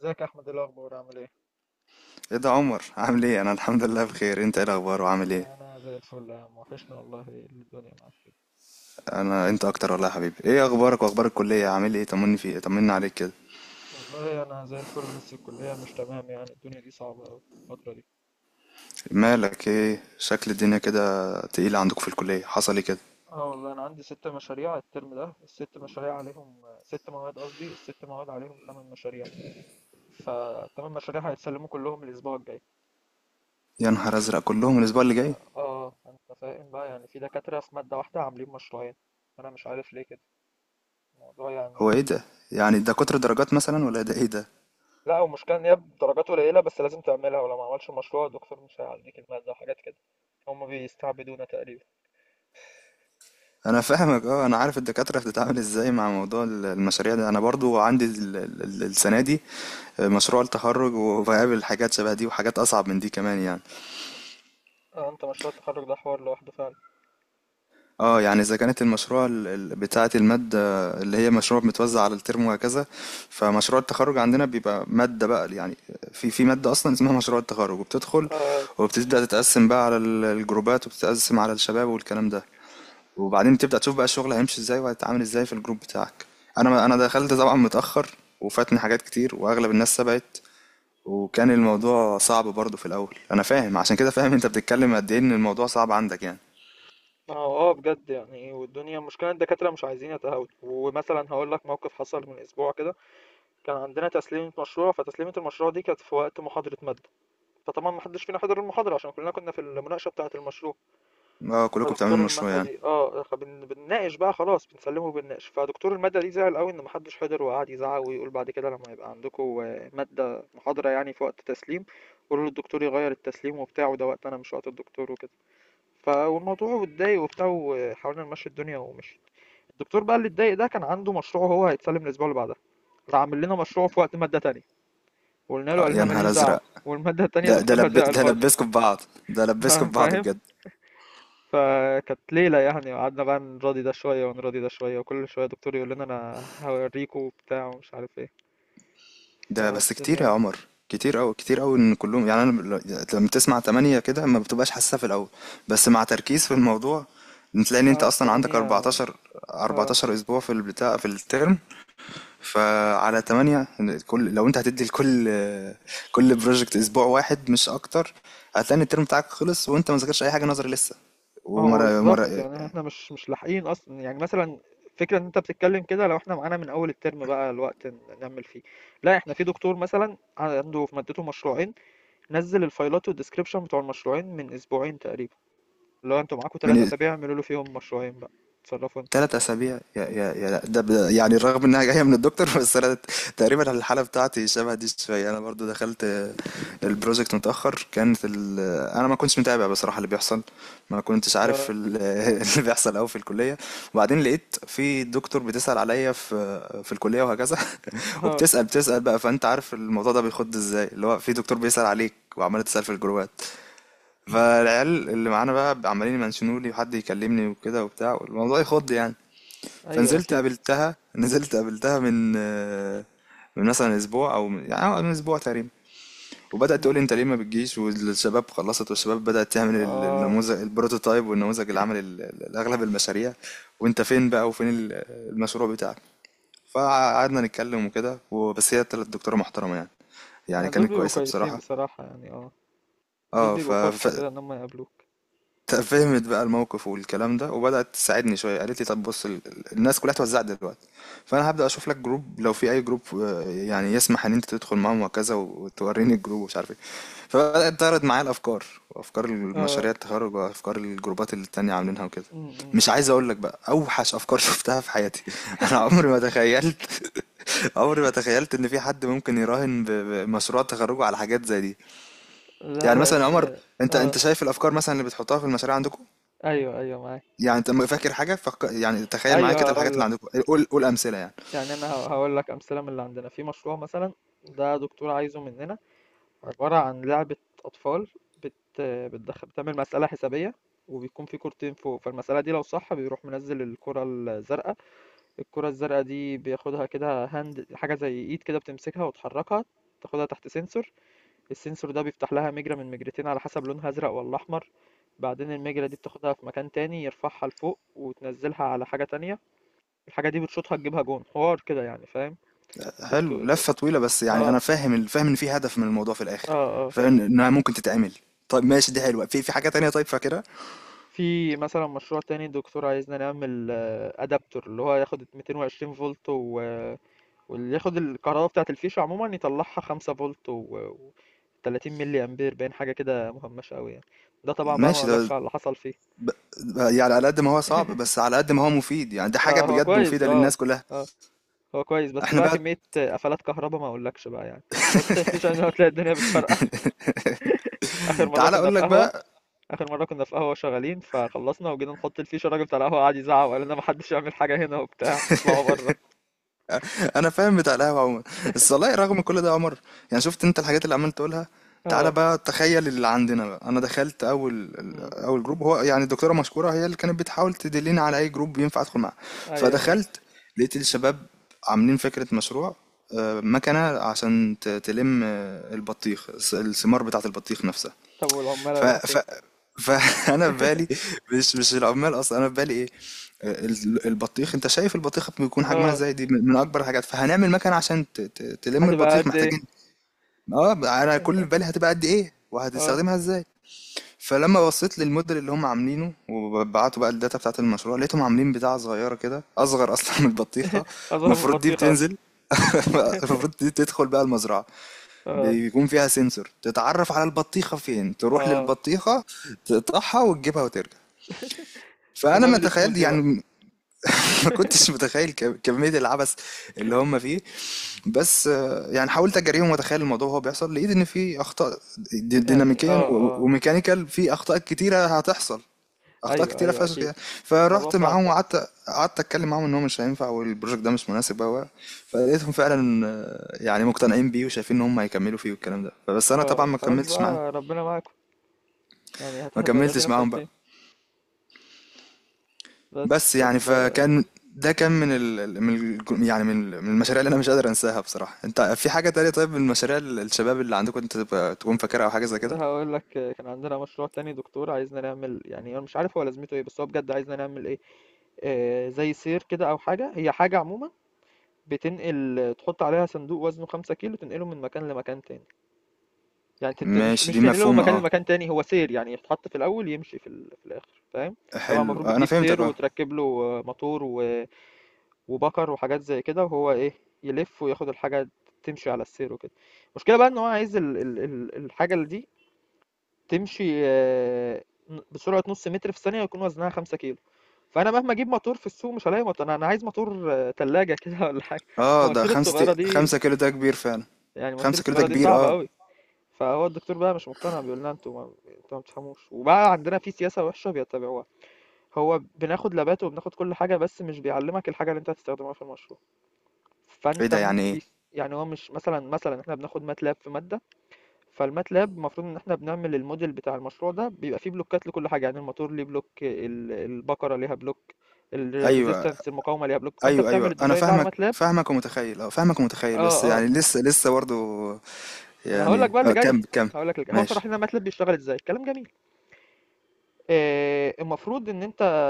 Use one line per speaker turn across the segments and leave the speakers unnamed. ازيك يا احمد؟ إيه الاخبار؟ عامل ايه؟
ايه ده عمر؟ عامل ايه؟ انا الحمد لله بخير. انت ايه الاخبار وعامل ايه؟
انا زي الفل يا عم، وحشنا والله. إيه اللي الدنيا معاك كده؟
انا انت اكتر والله يا حبيبي. ايه اخبارك واخبار الكليه؟ عامل ايه؟ طمني عليك كده.
والله انا زي الفل، بس الكليه مش تمام، يعني الدنيا دي صعبه قوي الفتره دي.
مالك؟ ايه شكل الدنيا كده تقيله عندك في الكليه؟ حصل ايه كده؟
اه والله انا عندي ست مشاريع الترم ده، الست مشاريع عليهم ست مواد، قصدي الست مواد عليهم ثمان مشاريع، فالثمان مشاريع هيتسلموا كلهم الاسبوع الجاي.
يا نهار ازرق، كلهم الاسبوع اللي جاي؟
اه، فانت فاهم بقى، يعني في دكاتره في ماده واحده عاملين مشروعين، انا مش عارف ليه كده الموضوع
هو ايه
يعني.
ده؟ يعني ده كتر درجات مثلا، ولا ده ايه ده؟
لا هو المشكلة إن هي بدرجات قليلة، بس لازم تعملها، ولو ما عملش المشروع الدكتور مش هيعديك المادة وحاجات كده. هما بيستعبدونا تقريبا.
انا فاهمك اه. انا عارف الدكاتره بتتعامل ازاي مع موضوع المشاريع ده. انا برضو عندي السنه دي مشروع التخرج، وبقابل حاجات شبه دي وحاجات اصعب من دي كمان يعني.
آه، أنت مشروع التخرج ده حوار لوحده فعلا.
اه يعني اذا كانت المشروع بتاعة المادة، اللي هي مشروع متوزع على الترم وهكذا، فمشروع التخرج عندنا بيبقى مادة بقى يعني. في مادة اصلا اسمها مشروع التخرج، وبتدخل
آه
وبتبدأ تتقسم بقى على الجروبات، وبتتقسم على الشباب والكلام ده. وبعدين بتبدأ تشوف بقى الشغل هيمشي ازاي وهيتعامل ازاي في الجروب بتاعك. انا دخلت طبعا متأخر، وفاتني حاجات كتير، واغلب الناس سبقت. وكان الموضوع صعب برضه في الاول، انا فاهم. عشان كده فاهم انت بتتكلم قد ايه، ان الموضوع صعب عندك يعني.
آه، بجد يعني، والدنيا المشكلة إن الدكاترة مش عايزين يتهاوتوا، ومثلا هقول لك موقف حصل من أسبوع كده. كان عندنا تسليمة مشروع، فتسليمة المشروع دي كانت في وقت محاضرة مادة، فطبعا محدش فينا حضر المحاضرة عشان كلنا كنا في المناقشة بتاعة المشروع.
اه كلكم
فدكتور
بتعملوا مشروع
المادة
يعني.
دي، بنناقش بقى، خلاص بنسلمه وبنناقش. فدكتور المادة دي زعل قوي ان محدش حضر، وقعد يزعق ويقول بعد كده لما يبقى عندكم، مادة محاضرة يعني في وقت تسليم، قولوا للدكتور يغير التسليم وبتاع، وده وقت انا مش وقت الدكتور وكده. فالموضوع اتضايق وبتاع، وحاولنا نمشي الدنيا ومشي. الدكتور بقى اللي اتضايق ده كان عنده مشروع هو هيتسلم الاسبوع اللي بعدها، راح عامل لنا مشروع في وقت مادة تانية، وقلنا له قال
يا
لنا
نهار
ماليش دعوة.
ازرق.
والمادة التانية دكتورها زعل
ده
برضه.
لبسكوا في بعض، ده لبسكوا في بعض
فاهم؟
بجد.
فكانت ليلة، يعني قعدنا بقى نراضي ده شوية ونراضي ده شوية، وكل شوية دكتور يقول لنا أنا هوريكوا وبتاع ومش عارف ايه.
ده بس كتير يا
فالدنيا.
عمر، كتير أوي كتير أوي ان كلهم يعني. انا لما تسمع تمانية كده ما بتبقاش حاسسها في الاول، بس مع تركيز في الموضوع تلاقي ان انت
اه
اصلا عندك
تمانية. اه،
14 اسبوع في البتاع في الترم، فعلى تمانية. كل لو انت هتدي لكل كل بروجكت اسبوع واحد مش اكتر. هتلاقي ان الترم بتاعك خلص وانت ما ذاكرتش اي حاجه نظري لسه.
ما هو
ومرة مرة،
بالظبط، يعني احنا مش لاحقين أصلا يعني، مثلا فكرة إن أنت بتتكلم كده لو احنا معانا من أول الترم بقى الوقت نكمل فيه. لا، احنا في دكتور مثلا عنده في مادته مشروعين، نزل الفايلات والديسكريبشن بتوع المشروعين من أسبوعين تقريبا، اللي هو انتوا معاكوا تلات
من
أسابيع اعملوا له فيهم مشروعين بقى، اتصرفوا انتوا.
3 أسابيع، يا يا يا ده يعني، رغم إنها جاية من الدكتور بس أنا تقريبا الحالة بتاعتي شبه دي شوية. أنا برضو دخلت البروجكت متأخر. كانت أنا ما كنتش متابع بصراحة اللي بيحصل. ما كنتش
اه
عارف اللي بيحصل أوي في الكلية. وبعدين لقيت في دكتور بتسأل عليا في الكلية وهكذا
اه.
وبتسأل بقى. فأنت عارف الموضوع ده بيخد إزاي، اللي هو في دكتور بيسأل عليك وعمال تسأل في الجروبات، فالعيال اللي معانا بقى عمالين يمنشنوا لي، وحد يكلمني وكده وبتاع، والموضوع يخض يعني.
ايوه
فنزلت
اكيد.
قابلتها نزلت قابلتها من آه، من مثلا اسبوع، او من يعني من اسبوع تقريبا. وبدات تقول لي انت ليه ما بتجيش، والشباب خلصت، والشباب بدات تعمل
اه،
النموذج البروتوتايب، والنموذج اللي عمل اغلب المشاريع. وانت فين بقى؟ وفين المشروع بتاعك؟ فقعدنا نتكلم وكده، وبس هي طلعت دكتوره محترمه يعني. يعني
يعني دول
كانت
بيبقوا
كويسه
كويسين
بصراحه.
بصراحة يعني، اه دول
اه
بيبقوا فرصة كده ان هم يقابلوك.
فهمت بقى الموقف والكلام ده، وبدأت تساعدني شوية. قالت لي طب بص، الناس كلها اتوزعت دلوقتي، فأنا هبدأ أشوف لك جروب، لو في أي جروب يعني يسمح إن أنت تدخل معاهم وكذا، وتوريني الجروب ومش عارف إيه. فبدأت تعرض معايا الأفكار، وأفكار
اه.
المشاريع التخرج، وأفكار الجروبات اللي التانية عاملينها وكده.
م
مش
-م.
عايز أقول لك بقى أوحش أفكار شفتها في حياتي. أنا عمري ما تخيلت عمري ما تخيلت إن في حد ممكن يراهن بمشروع تخرجه على حاجات زي دي.
لا
يعني
لا،
مثلا يا عمر،
الدنيا.
أنت
اه.
أنت شايف الأفكار مثلا اللي بتحطها في المشاريع عندكم.
ايوه ايوه معاك.
يعني انت فاكر حاجة يعني، تخيل معايا
ايوه
كده الحاجات
هقول
اللي
لك،
عندكم، قول قول أمثلة يعني.
يعني انا هقول لك امثله من اللي عندنا في مشروع مثلا. ده دكتور عايزه مننا عباره عن لعبه اطفال، بت بتدخل بتعمل مساله حسابيه، وبيكون في كورتين فوق، فالمساله دي لو صح بيروح منزل الكره الزرقاء. الكره الزرقاء دي بياخدها كده هاند، حاجه زي ايد كده، بتمسكها وتحركها، تاخدها تحت سنسور. السنسور ده بيفتح لها مجرى من مجرتين على حسب لونها ازرق ولا احمر، بعدين المجرة دي بتاخدها في مكان تاني يرفعها لفوق وتنزلها على حاجة تانية. الحاجة دي بتشوطها تجيبها جون، حوار كده يعني فاهم.
حلو،
الدكتور ده.
لفة طويلة بس. يعني أنا
اه
فاهم فاهم إن في هدف من الموضوع في الآخر،
اه.
فاهم إنها ممكن تتعمل. طيب ماشي، دي حلوة. في حاجة تانية طيب فاكرها؟
في مثلا مشروع تاني الدكتور عايزنا نعمل ادابتور اللي هو ياخد 220 فولت واللي ياخد الكهرباء بتاعة الفيشة عموما يطلعها 5 فولت و... و 30 ملي امبير، باين حاجة كده مهمشة قوي يعني. ده طبعا بقى ما
ماشي
اقولكش
ده
على اللي حصل فيه.
ب... يعني على قد ما هو صعب، بس على قد ما هو مفيد. يعني ده حاجة
آه هو
بجد
كويس،
مفيدة
اه
للناس كلها.
اه، هو كويس بس
احنا
بقى
بقى
كمية قفلات كهربا ما اقولكش بقى يعني، حط الفيش عشان هتلاقي الدنيا بتفرقع. اخر مرة
تعالى
كنا
أقول
في
لك
قهوة.
بقى.
اخر مرة كنا في قهوة شغالين، فخلصنا وجينا نحط الفيش، الراجل بتاع القهوة قعد يزعق وقال لنا محدش يعمل حاجة هنا وبتاع، اطلعوا بره.
انا فاهم بتاع القهوه عموما. بس والله رغم كل ده يا عمر، يعني شفت انت الحاجات اللي عمال تقولها. تعالى
اه.
بقى تخيل اللي عندنا بقى. انا دخلت
امم.
اول جروب، هو يعني الدكتوره مشكوره هي اللي كانت بتحاول تدلني على اي جروب ينفع ادخل معاه.
ايوه ايوه.
فدخلت لقيت الشباب عاملين فكره مشروع، مكنه عشان تلم البطيخ، الثمار بتاعه البطيخ نفسها.
طب والعمال
ف
هيروحوا فين؟
ف فانا في بالي، مش العمال اصلا، انا في بالي ايه؟ البطيخ، انت شايف البطيخه بيكون حجمها
اه،
ازاي؟ دي من اكبر الحاجات. فهنعمل مكنه عشان تلم
هتبقى
البطيخ،
قد ايه؟
محتاجين. اه انا كل اللي في بالي، هتبقى قد ايه
اه،
وهتستخدمها ازاي. فلما بصيت للموديل اللي هم عاملينه، وبعتوا بقى الداتا بتاعت المشروع، لقيتهم عاملين بتاعه صغيره كده، اصغر اصلا من البطيخه.
اظهر من
المفروض دي
البطيخة اصلا.
بتنزل، المفروض دي تدخل بقى المزرعه،
اه
بيكون فيها سنسور تتعرف على البطيخة فين، تروح
اه،
للبطيخة، تقطعها وتجيبها وترجع. فأنا ما
ونعمل
تخيل
سموزي بقى.
يعني. ما كنتش متخيل كمية العبث اللي هم فيه. بس يعني حاولت أجاريهم، وأتخيل الموضوع وهو بيحصل، لقيت إن في أخطاء
يعني
ديناميكيا
اه اه.
وميكانيكال، في أخطاء كتيرة هتحصل، اخطاء
ايوه
كتيره
ايوه
فشخ
اكيد.
يعني.
الموضوع
فرحت
صعب.
معاهم قعدت اتكلم معاهم ان هو مش هينفع، والبروجكت ده مش مناسب هو. فلقيتهم فعلا يعني مقتنعين بيه، وشايفين ان هم هيكملوا فيه والكلام ده. فبس انا طبعا
اه
ما
خلاص
كملتش معاهم،
بقى ربنا معاكم، يعني هتأدي نفسك
بقى.
فين. بس
بس يعني
طب.
فكان ده،
م-
كان من
م.
ال من ال يعني من ال- من المشاريع اللي انا مش قادر انساها بصراحه. انت في حاجه تانية طيب، من المشاريع الشباب اللي عندكم، انت تبقى تكون فاكرها او حاجه زي كده؟
هقول لك، كان عندنا مشروع تاني دكتور عايزنا نعمل، يعني انا مش عارف هو لازمته ايه، بس هو بجد عايزنا نعمل ايه. آه، زي سير كده او حاجه، هي حاجه عموما بتنقل، تحط عليها صندوق وزنه 5 كيلو تنقله من مكان لمكان تاني، مش
ماشي
مش
دي
تنقله من
مفهومه
مكان
اه.
لمكان تاني، هو سير يعني يتحط في الاول، يمشي في، ال... في الاخر فاهم. طبعا
حلو
المفروض
انا
بتجيب
فهمتك
سير
اه.
وتركب له، موتور وبكر وحاجات زي كده، وهو ايه، يلف وياخد الحاجه، تمشي على السير وكده. المشكله بقى ان هو عايز الحاجه اللي دي تمشي، بسرعة نص متر في الثانية يكون وزنها خمسة كيلو. فأنا مهما أجيب موتور في السوق مش هلاقي موتور، أنا أنا عايز موتور، تلاجة كده ولا حاجة.
اه ده
المواتير
خمسة
الصغيرة دي،
5 كيلو ده كبير فعلا.
يعني المواتير
5 كيلو ده
الصغيرة دي
كبير
صعبة
اه.
أوي. فهو الدكتور بقى مش مقتنع، بيقول لنا أنتوا ما أنتوا ما بتفهموش، وبقى عندنا في سياسة وحشة بيتبعوها. هو بناخد لابات وبناخد كل حاجة، بس مش بيعلمك الحاجة اللي أنت هتستخدمها في المشروع.
ايه
فأنت
ده يعني ايه؟
يعني هو مش مثلا، مثلا إحنا بناخد ماتلاب في مادة، فالماتلاب المفروض ان احنا بنعمل الموديل بتاع المشروع، ده بيبقى فيه بلوكات لكل حاجه، يعني الموتور ليه بلوك، البقره ليها بلوك،
ايوه
الريزيستنس المقاومه ليها بلوك، فانت
ايوه
بتعمل
ايوه، انا
الديزاين ده على
فاهمك
ماتلاب.
فاهمك ومتخيل اه، فاهمك ومتخيل.
اه
بس
اه.
يعني لسه لسه برضو.
انا هقول لك
يعني
بقى اللي
اه
جاي،
كمل كمل.
هقول لك اللي جاي، هو شرح
ماشي.
لنا ماتلاب بيشتغل ازاي، كلام جميل. آه، المفروض ان انت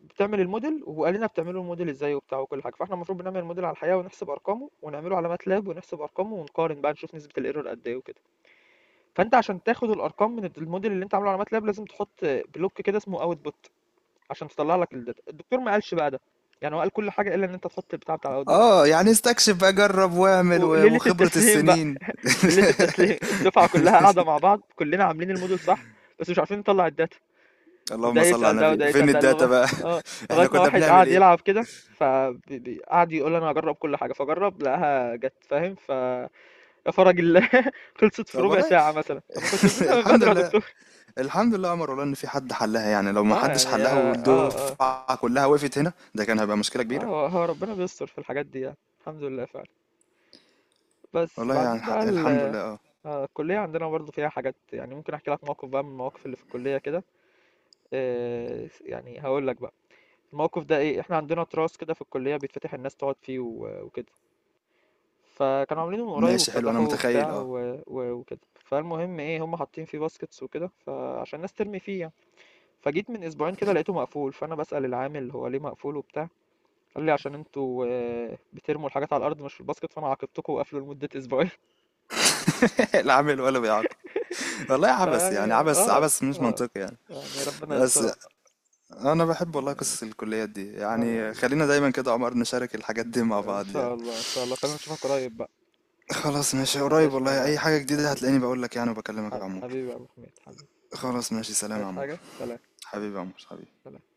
بتعمل الموديل، وقال لنا بتعملوا الموديل ازاي وبتاع وكل حاجه. فاحنا المفروض بنعمل الموديل على الحقيقه ونحسب ارقامه، ونعمله على ماتلاب ونحسب ارقامه ونقارن بقى نشوف نسبه الايرور قد ايه وكده. فانت عشان تاخد الارقام من الموديل اللي انت عامله على ماتلاب لازم تحط بلوك كده اسمه اوتبوت عشان تطلع لك الداتا، الدكتور ما قالش بقى ده، يعني هو قال كل حاجه الا ان انت تحط البتاع بتاع الاوتبوت.
اه يعني استكشف بقى، جرب واعمل،
وليله
وخبرة
التسليم بقى،
السنين
ليله التسليم الدفعه كلها قاعده مع بعض، كلنا عاملين الموديل صح، بس مش عارفين نطلع الداتا. وده
اللهم صل
يسال
على
ده
النبي،
وده يسال
فين
ده
الداتا
لغايه،
بقى؟
اه لغايه
احنا
ما
كنا
واحد
بنعمل
قعد
ايه؟
يلعب كده، فقعد يقول انا هجرب كل حاجه، فجرب لقاها جت فاهم، ف يا فرج الله خلصت في
طب
ربع
والله
ساعه مثلا. طب ما كنت قلت لنا من
الحمد
بدري يا
لله،
دكتور.
الحمد لله يا عمر، والله ان في حد حلها يعني. لو ما
اه
حدش
يعني
حلها
اه اه اه
والدفعه كلها وقفت هنا، ده كان هيبقى مشكله كبيره.
هو هو ربنا بيستر في الحاجات دي، يعني الحمد لله فعلا. بس
والله يعني
بعدين بقى ال.
الحمد لله اه.
الكلية عندنا برضه فيها حاجات، يعني ممكن احكي لك موقف بقى من المواقف اللي في الكلية كده. هقول لك بقى الموقف ده ايه. احنا عندنا تراس كده في الكلية بيتفتح الناس تقعد فيه وكده، فكانوا عاملينه من قريب
ماشي، حلو انا
وافتتحوه
متخيل
وبتاع
اه.
وكده، فالمهم ايه، هم حاطين فيه باسكتس وكده، فعشان الناس ترمي فيه يعني. فجيت من اسبوعين كده لقيته مقفول، فانا بسأل العامل هو ليه مقفول وبتاع، قال لي عشان انتوا، بترموا الحاجات على الارض مش في الباسكت، فانا عاقبتكم وقفلوا لمدة اسبوعين.
لا عامل ولا بيعاقب والله، عبث يعني،
فيعني
عبث
اه
عبث مش
اه،
منطقي يعني.
يعني ربنا
بس
يسترها.
انا بحب والله قصص الكليات دي
اه
يعني.
يلا،
خلينا دايما كده يا عمر نشارك الحاجات دي مع
ان
بعض يعني.
شاء الله ان شاء الله، خلينا نشوفك قريب بقى.
خلاص ماشي، قريب
وحشني
والله.
والله يا
اي
محمد
حاجة جديدة
حبيبي،
هتلاقيني بقول لك يعني، وبكلمك يا عمور.
حبيبي يا ابو حميد حبيبي. يلا،
خلاص ماشي، سلام يا
عايز
عمور.
حاجة؟ سلام. سلام.
حبيبي يا عمور، حبيبي.
سلام.